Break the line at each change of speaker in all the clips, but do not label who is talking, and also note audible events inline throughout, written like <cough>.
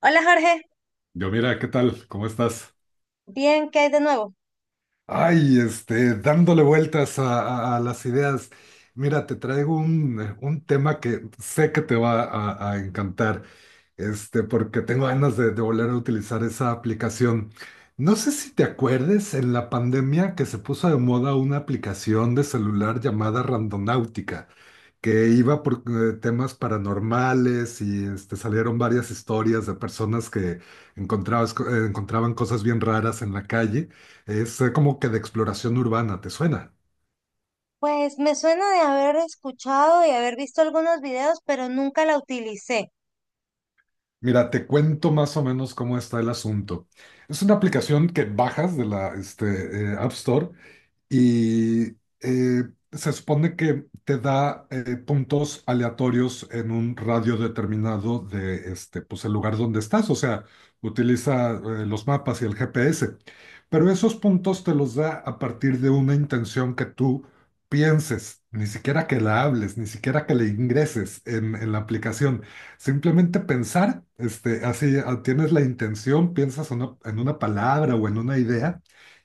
Hola Jorge,
Yo, mira, ¿qué tal? ¿Cómo estás?
bien, ¿qué hay de nuevo?
Ay, dándole vueltas a, a las ideas. Mira, te traigo un tema que sé que te va a encantar, porque tengo ganas de volver a utilizar esa aplicación. No sé si te acuerdes en la pandemia que se puso de moda una aplicación de celular llamada Randonáutica que iba por temas paranormales y salieron varias historias de personas que encontraban cosas bien raras en la calle. Es como que de exploración urbana, ¿te suena?
Pues me suena de haber escuchado y haber visto algunos videos, pero nunca la utilicé.
Mira, te cuento más o menos cómo está el asunto. Es una aplicación que bajas de App Store y eh, se supone que te da puntos aleatorios en un radio determinado de pues el lugar donde estás, o sea, utiliza los mapas y el GPS, pero esos puntos te los da a partir de una intención que tú pienses, ni siquiera que la hables, ni siquiera que le ingreses en la aplicación, simplemente pensar, así ah, tienes la intención, piensas en una palabra o en una idea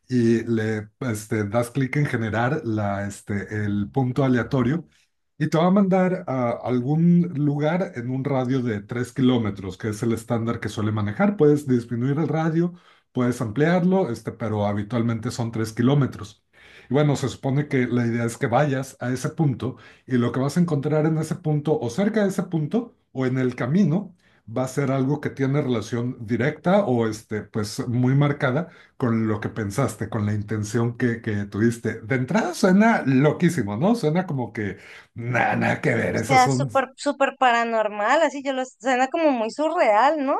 y das clic en generar el punto aleatorio y te va a mandar a algún lugar en un radio de 3 kilómetros, que es el estándar que suele manejar. Puedes disminuir el radio, puedes ampliarlo, pero habitualmente son 3 kilómetros. Y bueno, se supone que la idea es que vayas a ese punto y lo que vas a encontrar en ese punto o cerca de ese punto o en el camino va a ser algo que tiene relación directa o pues muy marcada con lo que pensaste, con la intención que tuviste. De entrada suena loquísimo, ¿no? Suena como que nada, nada que ver,
O
esas
sea,
son.
súper, súper paranormal, así yo lo suena como muy surreal, ¿no?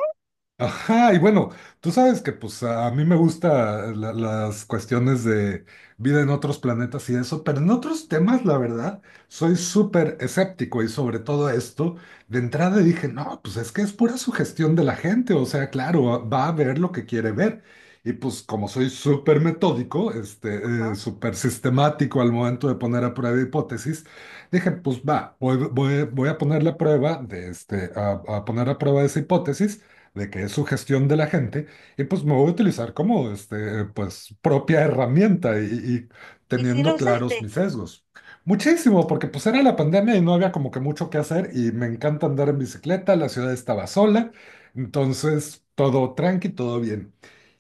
Ajá, y bueno, tú sabes que pues a mí me gustan las cuestiones de vida en otros planetas y eso, pero en otros temas, la verdad, soy súper escéptico y sobre todo esto, de entrada dije, no, pues es que es pura sugestión de la gente, o sea, claro, va a ver lo que quiere ver. Y pues como soy súper metódico,
Ajá.
súper sistemático al momento de poner a prueba hipótesis, dije, pues va, voy a poner la prueba de a poner a prueba esa hipótesis de que es su gestión de la gente, y pues me voy a utilizar como pues, propia herramienta y
¿Y si lo
teniendo claros
usaste?
mis sesgos. Muchísimo, porque pues era la pandemia y no había como que mucho que hacer y me encanta andar en bicicleta, la ciudad estaba sola, entonces todo tranqui, todo bien.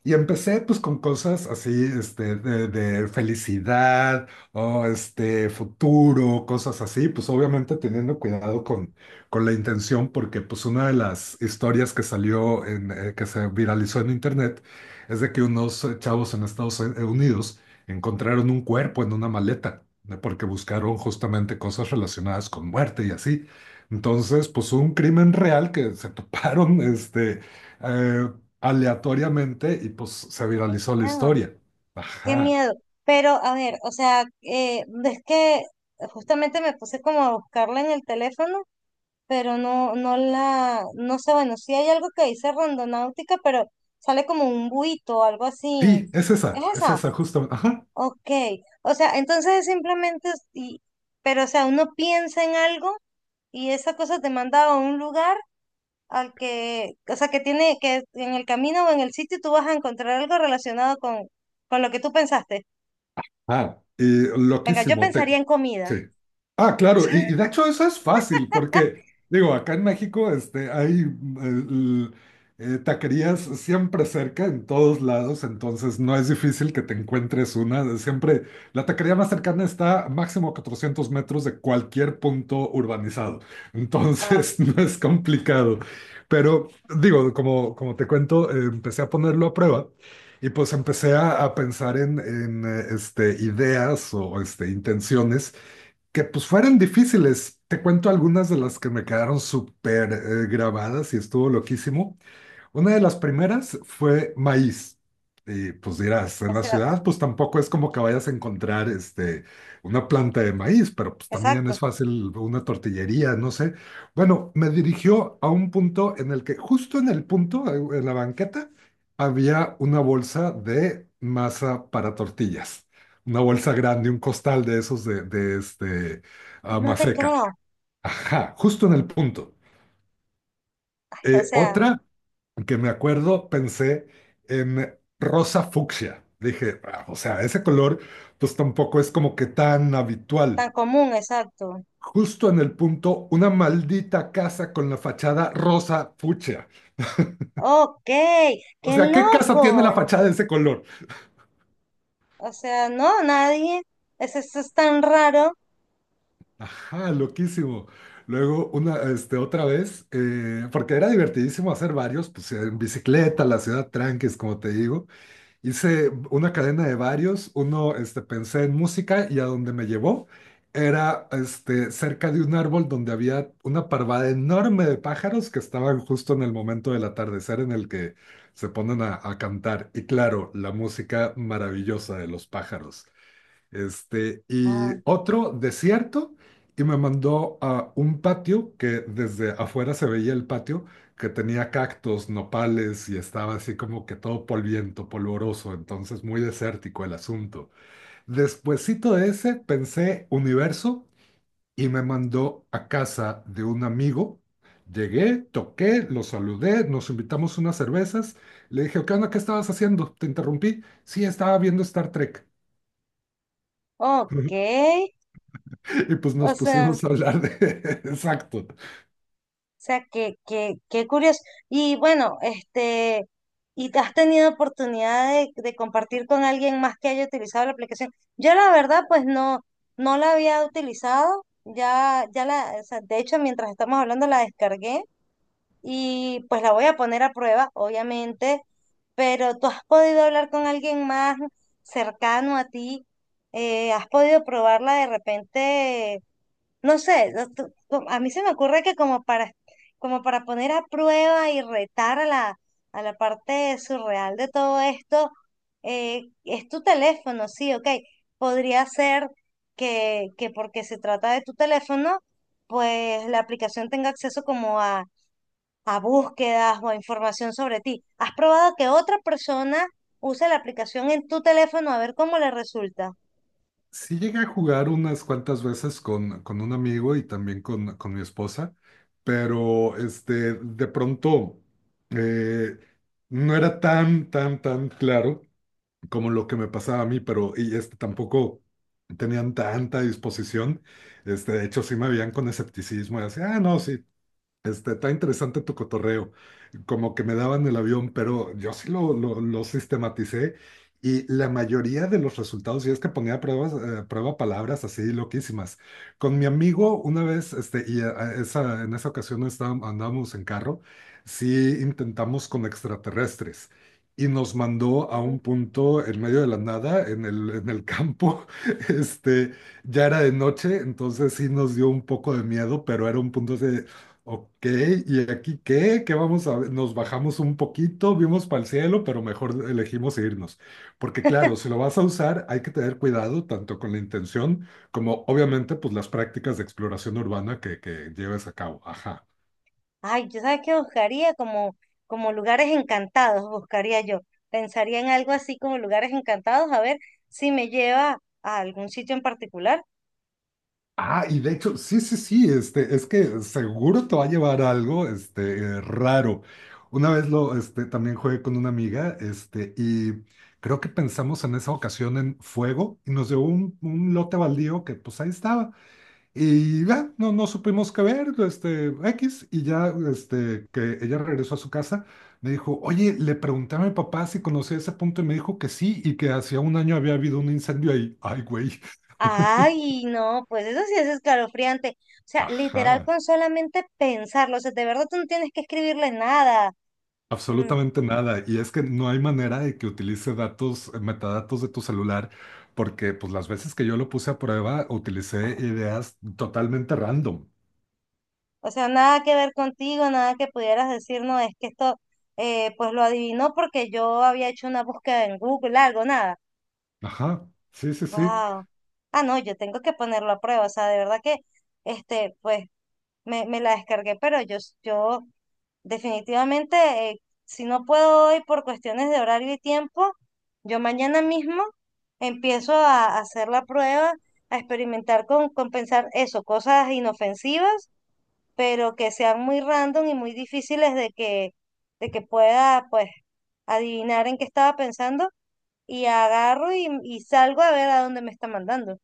Y empecé pues con cosas así, de felicidad o este futuro, cosas así, pues obviamente teniendo cuidado con la intención porque pues una de las historias que salió que se viralizó en internet es de que unos chavos en Estados Unidos encontraron un cuerpo en una maleta, ¿no? Porque buscaron justamente cosas relacionadas con muerte y así. Entonces, pues un crimen real que se <laughs> toparon eh, aleatoriamente y pues se viralizó la
Ah,
historia.
qué
Ajá.
miedo. Pero a ver, o sea, ves que justamente me puse como a buscarla en el teléfono, pero no, no sé, bueno, sí hay algo que dice rondonáutica, pero sale como un buito o algo así.
Sí,
¿Es
es
esa?
esa justamente. Ajá.
Ok, o sea, entonces simplemente, pero o sea, uno piensa en algo y esa cosa te manda a un lugar al que, o sea, que tiene, que en el camino o en el sitio tú vas a encontrar algo relacionado con lo que tú pensaste.
Ah, y
Venga, yo
loquísimo.
pensaría en comida.
Sí. Ah, claro, y de hecho eso es fácil, porque
<laughs>
digo, acá en México hay l- taquerías siempre cerca, en todos lados, entonces no es difícil que te encuentres una. Siempre la taquería más cercana está a máximo 400 metros de cualquier punto urbanizado,
Ah,
entonces <laughs> no es complicado. Pero digo, como, como te cuento, empecé a ponerlo a prueba. Y pues empecé a pensar en ideas o intenciones que pues fueran difíciles. Te cuento algunas de las que me quedaron súper grabadas y estuvo loquísimo. Una de las primeras fue maíz. Y pues dirás,
o
en la
sea,
ciudad pues tampoco es como que vayas a encontrar una planta de maíz, pero pues también es
exacto.
fácil una tortillería, no sé. Bueno, me dirigió a un punto en el que, justo en el punto, en la banqueta, había una bolsa de masa para tortillas. Una bolsa grande, un costal de esos de, de
No te
maseca.
creo.
Ajá, justo en el punto.
O sea,
Otra que me acuerdo, pensé en rosa fucsia. Dije, "Ah, o sea, ese color pues tampoco es como que tan habitual".
tan común, exacto.
Justo en el punto, una maldita casa con la fachada rosa fucsia.
Ok,
O
qué
sea, ¿qué casa
loco.
tiene la fachada de ese color?
O sea, no, nadie. Eso es tan raro.
Ajá, loquísimo. Luego, otra vez, porque era divertidísimo hacer varios, pues en bicicleta, la ciudad tranquis, como te digo. Hice una cadena de varios, pensé en música y a donde me llevó era cerca de un árbol donde había una parvada enorme de pájaros que estaban justo en el momento del atardecer en el que se ponen a cantar. Y claro, la música maravillosa de los pájaros. Y
Ah,
otro desierto, y me mandó a un patio que desde afuera se veía el patio, que tenía cactus, nopales y estaba así como que todo polviento, polvoroso, entonces muy desértico el asunto. Despuésito de ese pensé universo y me mandó a casa de un amigo. Llegué, toqué, lo saludé, nos invitamos unas cervezas. Le dije, ¿qué onda? ¿Qué estabas haciendo? Te interrumpí. Sí, estaba viendo Star Trek.
ok.
<laughs> <laughs> Y pues
O
nos
sea,
pusimos a hablar de... <laughs> Exacto.
que qué curioso. Y bueno, ¿y te has tenido oportunidad de compartir con alguien más que haya utilizado la aplicación? Yo la verdad, pues no, no la había utilizado. O sea, de hecho, mientras estamos hablando la descargué y pues la voy a poner a prueba, obviamente. Pero ¿tú has podido hablar con alguien más cercano a ti? ¿Has podido probarla de repente? No sé, no, a mí se me ocurre que como para poner a prueba y retar a a la parte surreal de todo esto, es tu teléfono, sí, ok. Podría ser que porque se trata de tu teléfono, pues la aplicación tenga acceso como a búsquedas o a información sobre ti. ¿Has probado que otra persona use la aplicación en tu teléfono a ver cómo le resulta?
Sí llegué a jugar unas cuantas veces con un amigo y también con mi esposa, pero de pronto eh, no era tan, tan claro como lo que me pasaba a mí, pero y tampoco tenían tanta disposición. De hecho, sí me veían con escepticismo y así, ah, no, sí, está interesante tu cotorreo, como que me daban el avión, pero yo sí lo sistematicé y la mayoría de los resultados, y es que ponía pruebas, prueba palabras así loquísimas. Con mi amigo una vez, a esa, en esa ocasión estábamos, andábamos en carro, sí intentamos con extraterrestres. Y nos mandó a un punto en medio de la nada, en el campo. <laughs> Este, ya era de noche, entonces sí nos dio un poco de miedo, pero era un punto de, Ok, ¿y aquí qué? ¿Qué vamos a ver? Nos bajamos un poquito, vimos para el cielo, pero mejor elegimos irnos. Porque claro, si lo vas a usar, hay que tener cuidado tanto con la intención como obviamente pues las prácticas de exploración urbana que lleves a cabo. Ajá.
Ay, yo sabes que buscaría como, como lugares encantados, buscaría yo. Pensaría en algo así como lugares encantados, a ver si me lleva a algún sitio en particular.
Ah, y de hecho, sí, sí, sí, es que seguro te va a llevar algo, raro. Una vez también jugué con una amiga, y creo que pensamos en esa ocasión en fuego y nos dio un lote baldío que pues ahí estaba. Y ya, no, no supimos qué ver, X, y ya, que ella regresó a su casa, me dijo, oye, le pregunté a mi papá si conocía ese punto y me dijo que sí y que hacía un año había habido un incendio ahí. Ay, güey. <laughs>
Ay, no, pues eso sí es escalofriante. O sea, literal
Ajá.
con solamente pensarlo. O sea, de verdad tú no tienes que escribirle nada. Mm.
Absolutamente nada. Y es que no hay manera de que utilice datos, metadatos de tu celular, porque pues las veces que yo lo puse a prueba, utilicé ideas totalmente random.
O sea, nada que ver contigo, nada que pudieras decir, no, es que esto, pues lo adivinó porque yo había hecho una búsqueda en Google, algo, nada.
Ajá. Sí, sí, sí.
Wow. Ah, no, yo tengo que ponerlo a prueba. O sea, de verdad que, este, pues, me la descargué, pero yo definitivamente, si no puedo hoy por cuestiones de horario y tiempo, yo mañana mismo empiezo a hacer la prueba, a experimentar con pensar eso, cosas inofensivas, pero que sean muy random y muy difíciles de de que pueda, pues, adivinar en qué estaba pensando, y agarro y salgo a ver a dónde me está mandando.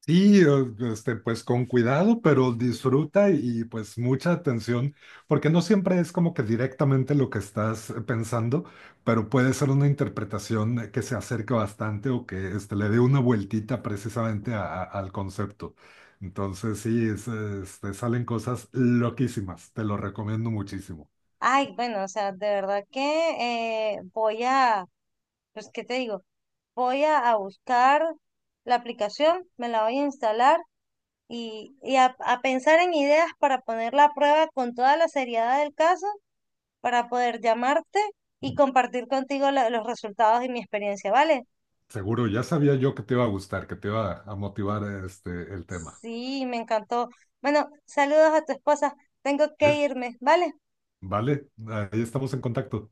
Sí, pues con cuidado, pero disfruta y, pues mucha atención, porque no siempre es como que directamente lo que estás pensando, pero puede ser una interpretación que se acerque bastante o que le dé una vueltita precisamente al concepto. Entonces sí, es, salen cosas loquísimas, te lo recomiendo muchísimo.
Ay, bueno, o sea, de verdad que eh, voy a, pues, ¿qué te digo? Voy a buscar la aplicación, me la voy a instalar y a pensar en ideas para ponerla a prueba con toda la seriedad del caso, para poder llamarte y compartir contigo los resultados y mi experiencia, ¿vale?
Seguro, ya sabía yo que te iba a gustar, que te iba a motivar el tema.
Sí, me encantó. Bueno, saludos a tu esposa. Tengo que
¿Ves?
irme, ¿vale?
Vale, ahí estamos en contacto.